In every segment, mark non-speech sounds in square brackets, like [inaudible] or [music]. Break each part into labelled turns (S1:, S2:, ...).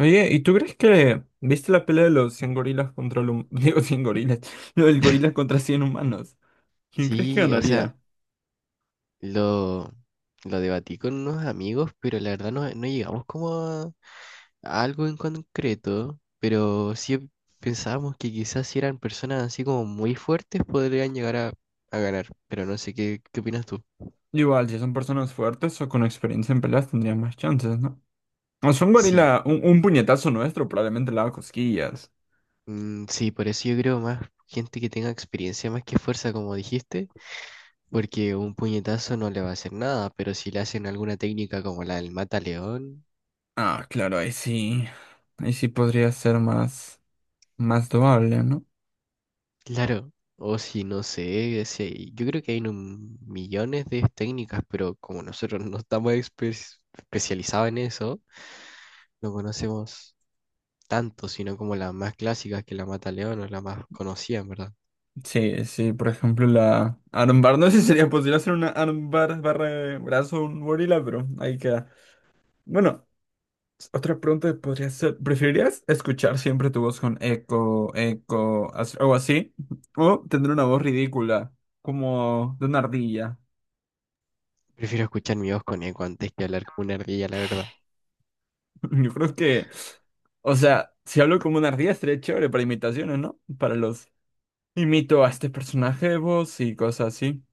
S1: Oye, ¿y tú crees que viste la pelea de los 100 gorilas contra los... [laughs] Digo, 100 gorilas. Lo del gorila contra 100 humanos. ¿Quién crees que
S2: Sí, o sea,
S1: ganaría?
S2: lo, lo debatí con unos amigos, pero la verdad no, no llegamos como a algo en concreto, pero sí pensábamos que quizás si eran personas así como muy fuertes podrían llegar a ganar, pero no sé, ¿qué opinas tú?
S1: Igual, si son personas fuertes o con experiencia en peleas tendrían más chances, ¿no? O sea, un
S2: Sí,
S1: gorila, un puñetazo nuestro probablemente le haga cosquillas.
S2: mm, sí, por eso yo creo más gente que tenga experiencia más que fuerza, como dijiste, porque un puñetazo no le va a hacer nada, pero si le hacen alguna técnica como la del mata león.
S1: Ah, claro, ahí sí. Ahí sí podría ser más... más doable, ¿no?
S2: Claro, o si no sé, si yo creo que hay millones de técnicas, pero como nosotros no estamos especializados en eso, no conocemos tanto, sino como las más clásicas que la mata león o la más conocida, en verdad.
S1: Sí, sí, por ejemplo la armbar. No sé si sería posible hacer una armbar barra de brazo a un gorila, pero ahí queda. Bueno. Otra pregunta que podría ser, ¿preferirías escuchar siempre tu voz con eco, algo así? ¿O tener una voz ridícula, como de una ardilla?
S2: Prefiero escuchar mi voz con eco antes que hablar con una ardilla, la verdad.
S1: [laughs] Yo creo que, o sea, si hablo como una ardilla estaría chévere para imitaciones, ¿no? Para los, imito a este personaje de voz y cosas así.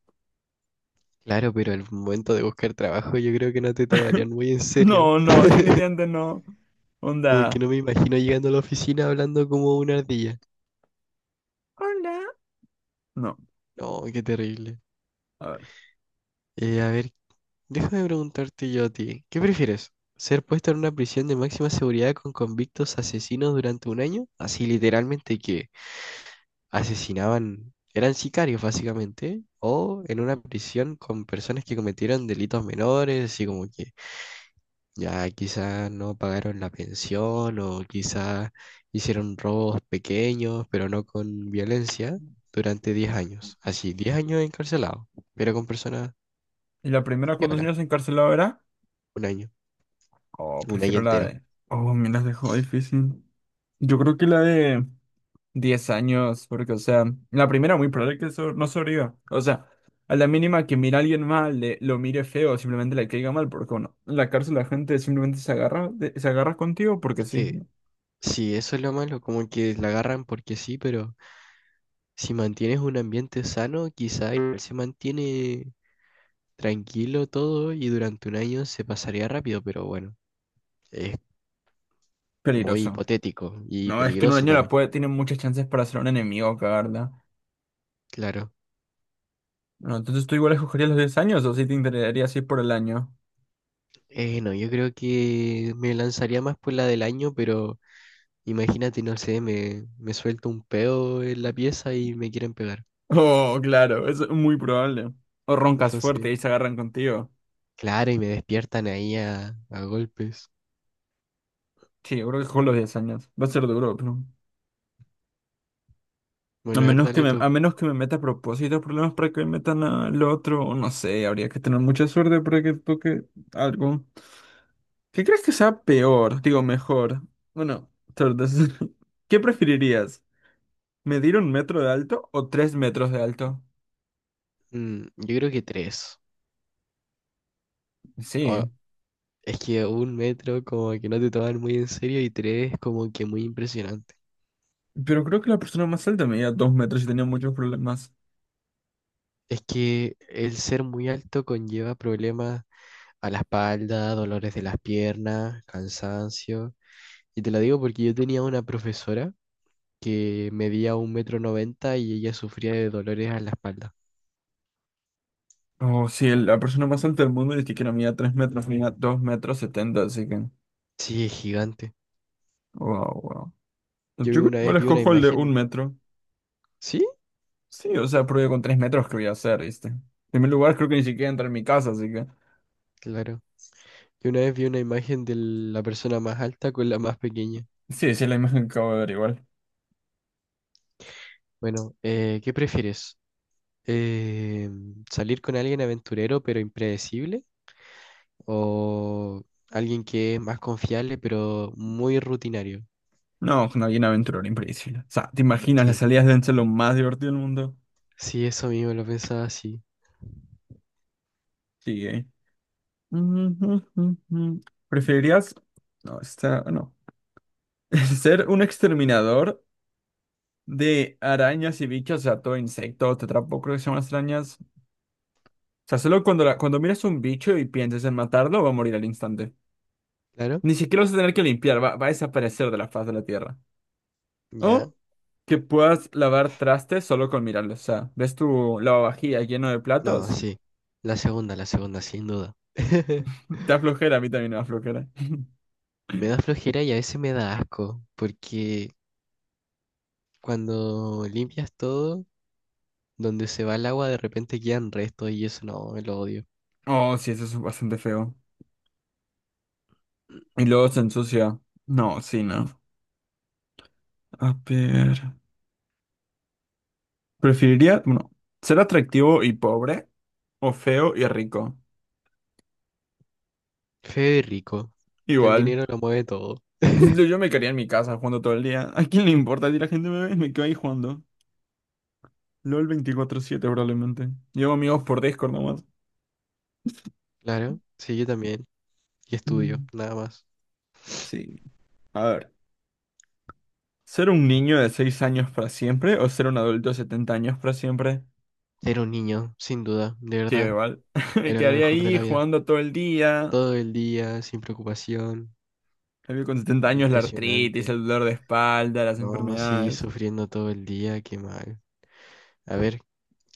S2: Claro, pero el momento de buscar trabajo yo creo que no te tomarían muy en serio.
S1: No, no, [laughs]
S2: [laughs]
S1: definitivamente no.
S2: Como que
S1: Onda,
S2: no me imagino llegando a la oficina hablando como una ardilla.
S1: hola. No,
S2: No, qué terrible.
S1: a ver.
S2: A ver, déjame preguntarte yo a ti, ¿qué prefieres? ¿Ser puesto en una prisión de máxima seguridad con convictos asesinos durante un año? Así literalmente que asesinaban, eran sicarios básicamente, ¿eh? O en una prisión con personas que cometieron delitos menores, así como que ya quizás no pagaron la pensión o quizás hicieron robos pequeños, pero no con violencia, durante 10 años. Así, 10 años encarcelados, pero con personas
S1: ¿Y la primera cuántos
S2: viola,
S1: años encarcelado era?
S2: un año,
S1: Oh,
S2: un año
S1: prefiero la
S2: entero.
S1: de. Oh, me las dejó difícil. Yo creo que la de 10 años, porque, o sea, la primera muy probable que no sobreviva. O sea, a la mínima que mira a alguien mal, lo mire feo, simplemente le caiga mal, porque, bueno, en la cárcel la gente simplemente se agarra, se agarra contigo porque
S2: Es
S1: sí.
S2: que
S1: ¿No?
S2: sí, eso es lo malo, como que la agarran porque sí, pero si mantienes un ambiente sano, quizá igual se mantiene tranquilo todo y durante un año se pasaría rápido, pero bueno, es muy
S1: Peligroso.
S2: hipotético y
S1: No, es que en un
S2: peligroso
S1: año la
S2: también.
S1: puede, tiene muchas chances para ser un enemigo, cagarla.
S2: Claro.
S1: No, entonces tú igual escogerías los 10 años o si te interesaría así por el año. [laughs]
S2: No, yo creo que me lanzaría más por la del año, pero imagínate, no sé, me suelto un peo en la pieza y me quieren pegar.
S1: Oh, claro, es muy probable. O roncas fuerte
S2: Entonces,
S1: y se agarran contigo.
S2: claro, y me despiertan ahí a golpes.
S1: Sí, yo creo que con los 10 años. Va a ser duro, pero. A
S2: Bueno, a ver,
S1: menos que
S2: dale
S1: me,
S2: tú.
S1: a menos que me meta a propósito problemas para que me metan al otro, no sé, habría que tener mucha suerte para que toque algo. ¿Qué crees que sea peor? Digo, mejor. Bueno, suerte. [laughs] ¿Qué preferirías? ¿Medir un metro de alto o 3 metros de alto?
S2: Yo creo que tres. O,
S1: Sí.
S2: Es que un metro como que no te toman muy en serio y tres como que muy impresionante.
S1: Pero creo que la persona más alta medía 2 metros y tenía muchos problemas.
S2: Es que el ser muy alto conlleva problemas a la espalda, dolores de las piernas, cansancio. Y te lo digo porque yo tenía una profesora que medía 1,90 m y ella sufría de dolores a la espalda.
S1: O sí, la persona más alta del mundo dice que no medía 3 metros, medía 2,70 metros, así que.
S2: Sí, es gigante.
S1: Wow, wow. Yo
S2: Yo vi
S1: creo que
S2: una vez
S1: igual
S2: Vi una
S1: escojo el de un
S2: imagen.
S1: metro.
S2: Sí,
S1: Sí, o sea, porque con 3 metros que voy a hacer, ¿viste? En primer lugar, creo que ni siquiera entra en mi casa, así que...
S2: claro. Yo una vez vi una imagen de la persona más alta con la más pequeña.
S1: Sí, sí, la imagen que acabo de ver igual.
S2: Bueno, ¿qué prefieres? Eh, Salir con alguien aventurero pero impredecible o alguien que es más confiable pero muy rutinario.
S1: No, una bien aventurera, impredecible. O sea, ¿te imaginas? Las
S2: Sí,
S1: salidas deben ser lo más divertido del mundo.
S2: sí, eso mismo lo pensaba así.
S1: Sí, ¿eh? [laughs] Ujú, ujú. ¿Preferirías... No, está... No. [laughs] ¿Ser un exterminador de arañas y bichos? O sea, todo insecto, tetrapo, creo que se llaman las arañas. O sea, solo cuando, cuando miras un bicho y piensas en matarlo, va a morir al instante.
S2: Claro,
S1: Ni siquiera vas a tener que limpiar, va a desaparecer de la faz de la tierra.
S2: ya.
S1: O que puedas lavar trastes solo con mirarlos. O sea, ves tu lavavajilla lleno de
S2: No,
S1: platos.
S2: sí. La segunda, sin duda.
S1: [laughs] Te
S2: [laughs]
S1: da flojera, a mí también me da flojera.
S2: Me da flojera y a veces me da asco, porque cuando limpias todo, donde se va el agua de repente quedan restos y eso no, me lo odio.
S1: Oh, sí, eso es bastante feo. Y luego se ensucia. No, sí, no. A ver. Preferiría, bueno, ser atractivo y pobre o feo y rico.
S2: Feo y rico, que el
S1: Igual.
S2: dinero lo mueve todo.
S1: [laughs] Yo me quedaría en mi casa jugando todo el día. ¿A quién le importa si la gente me ve? Me quedo ahí jugando. LOL 24/7 probablemente. Llevo amigos por Discord nomás.
S2: Claro, sí, yo también. Y estudio,
S1: Mm,
S2: nada más.
S1: sí. A ver, ¿ser un niño de 6 años para siempre o ser un adulto de 70 años para siempre?
S2: Era un niño, sin duda, de
S1: Sí,
S2: verdad,
S1: igual. [laughs] Me
S2: era lo
S1: quedaría
S2: mejor de
S1: ahí
S2: la vida.
S1: jugando todo el día.
S2: Todo el día, sin preocupación,
S1: En cambio, con 70 años la artritis,
S2: impresionante.
S1: el dolor de espalda, las
S2: No, sí,
S1: enfermedades.
S2: sufriendo todo el día, qué mal. A ver,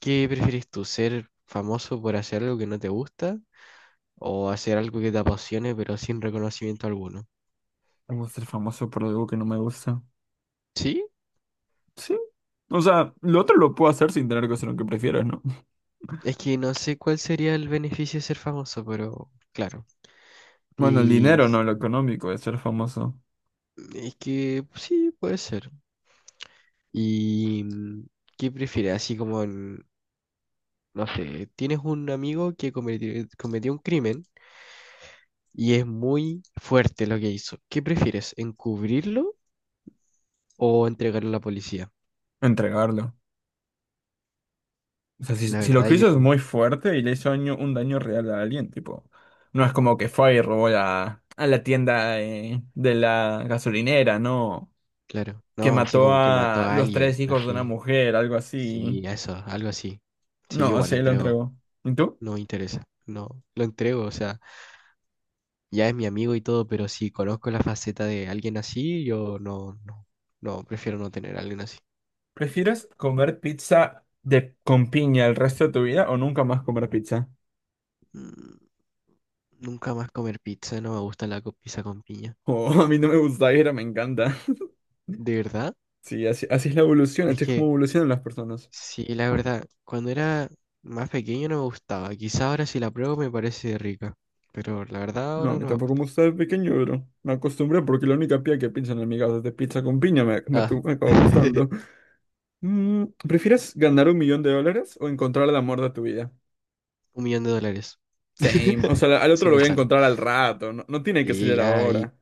S2: ¿qué prefieres tú? ¿Ser famoso por hacer algo que no te gusta o hacer algo que te apasione pero sin reconocimiento alguno?
S1: Tengo ser famoso por algo que no me gusta.
S2: ¿Sí?
S1: Sí. O sea, lo otro lo puedo hacer sin tener que hacer lo que prefieres, ¿no? [laughs]
S2: Es que no sé cuál sería el beneficio de ser famoso, pero claro.
S1: Bueno, el
S2: Y
S1: dinero,
S2: s-
S1: no, lo económico, de ser famoso.
S2: es que sí, puede ser. ¿Y qué prefieres? Así como en no sé, tienes un amigo que cometió un crimen y es muy fuerte lo que hizo. ¿Qué prefieres, encubrirlo o entregarlo a la policía?
S1: Entregarlo. O sea, si,
S2: La
S1: si lo
S2: verdad
S1: que hizo es
S2: yo,
S1: muy fuerte y le hizo un daño real a alguien, tipo, no es como que fue y robó a la tienda de la gasolinera, ¿no?
S2: claro,
S1: Que
S2: no, así
S1: mató
S2: como que mató
S1: a
S2: a
S1: los
S2: alguien,
S1: tres hijos de una
S2: así,
S1: mujer, algo así.
S2: sí, eso, algo así. Sí, yo
S1: No,
S2: igual lo
S1: sí, lo
S2: entrego,
S1: entregó. ¿Y tú?
S2: no me interesa, no, lo entrego, o sea, ya es mi amigo y todo, pero si conozco la faceta de alguien así, yo no, no, no, prefiero no tener a alguien así.
S1: ¿Prefieres comer pizza de, con piña el resto de tu vida o nunca más comer pizza?
S2: Mm, Nunca más comer pizza, no me gusta la pizza con piña.
S1: Oh, [laughs] a mí no me gusta, pero me encanta.
S2: ¿De verdad?
S1: Sí, así, así es la evolución,
S2: Es
S1: así es como
S2: que,
S1: evolucionan las personas.
S2: sí, la verdad, cuando era más pequeño no me gustaba. Quizá ahora si la pruebo me parece rica, pero la verdad
S1: No, a
S2: ahora
S1: mí
S2: no me
S1: tampoco me
S2: gusta.
S1: gusta de pequeño, pero me acostumbré porque la única pía que pienso en amigas de pizza con piña
S2: Ah,
S1: me acabó gustando.
S2: [laughs]
S1: Mm, ¿prefieres ganar 1 millón de dólares o encontrar el amor de tu vida?
S2: $1 millón.
S1: Same. O
S2: [laughs]
S1: sea, al otro
S2: Sin
S1: lo voy a
S2: pensarlo.
S1: encontrar al rato. No, no tiene que
S2: Sí,
S1: ser
S2: ya ahí
S1: ahora.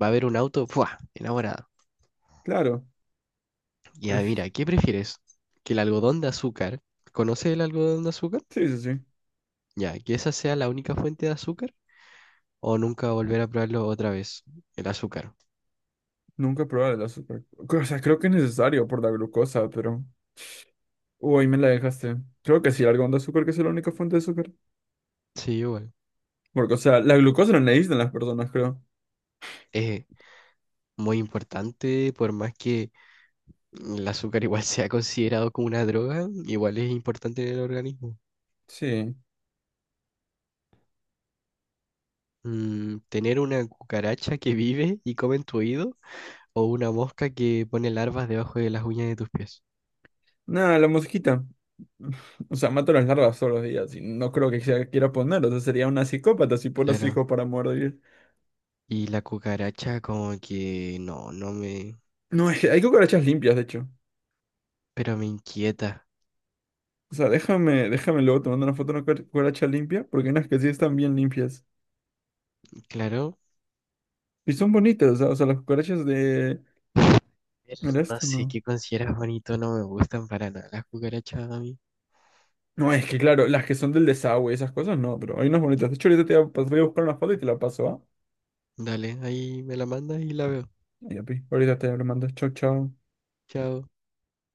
S2: va a haber un auto, ¡fua! Enamorado.
S1: Claro.
S2: Ya,
S1: prefi-
S2: mira, ¿qué prefieres? ¿Que el algodón de azúcar, conoces el algodón de azúcar?
S1: Sí, sí, sí.
S2: Ya, ¿que esa sea la única fuente de azúcar? ¿O nunca volver a probarlo otra vez, el azúcar?
S1: Nunca probar el azúcar. O sea, creo que es necesario por la glucosa, pero... Uy, me la dejaste. Creo que sí, el algodón de azúcar que es la única fuente de azúcar.
S2: Sí, igual.
S1: Porque, o sea, la glucosa la necesitan las personas, creo.
S2: Es muy importante, por más que el azúcar [laughs] igual se ha considerado como una droga, igual es importante en el organismo.
S1: Sí.
S2: Tener una cucaracha que vive y come en tu oído o una mosca que pone larvas debajo de las uñas de tus pies.
S1: Nada, la mosquita. O sea, mato las larvas todos los días y no creo que quiera poner. O sea, sería una psicópata si pone a su
S2: Claro.
S1: hijo para morir.
S2: Y la cucaracha como que no, no me...
S1: No, es que hay cucarachas limpias, de hecho.
S2: Pero me inquieta.
S1: O sea, déjame luego tomando una foto de una cucaracha limpia, porque hay unas que sí están bien limpias.
S2: Claro.
S1: Y son bonitas, o sea, las cucarachas de...
S2: Pero
S1: El
S2: no
S1: este,
S2: sé
S1: no.
S2: qué consideras bonito, no me gustan para nada las cucarachas a mí.
S1: No, es que claro, las que son del desagüe y esas cosas, no, pero hay unas bonitas. De hecho, ahorita te voy a buscar una foto y te la paso, ¿ah?
S2: Dale, ahí me la mandas y la veo.
S1: Ya, pi. Ahorita te lo mando. Chau, chau.
S2: Chao.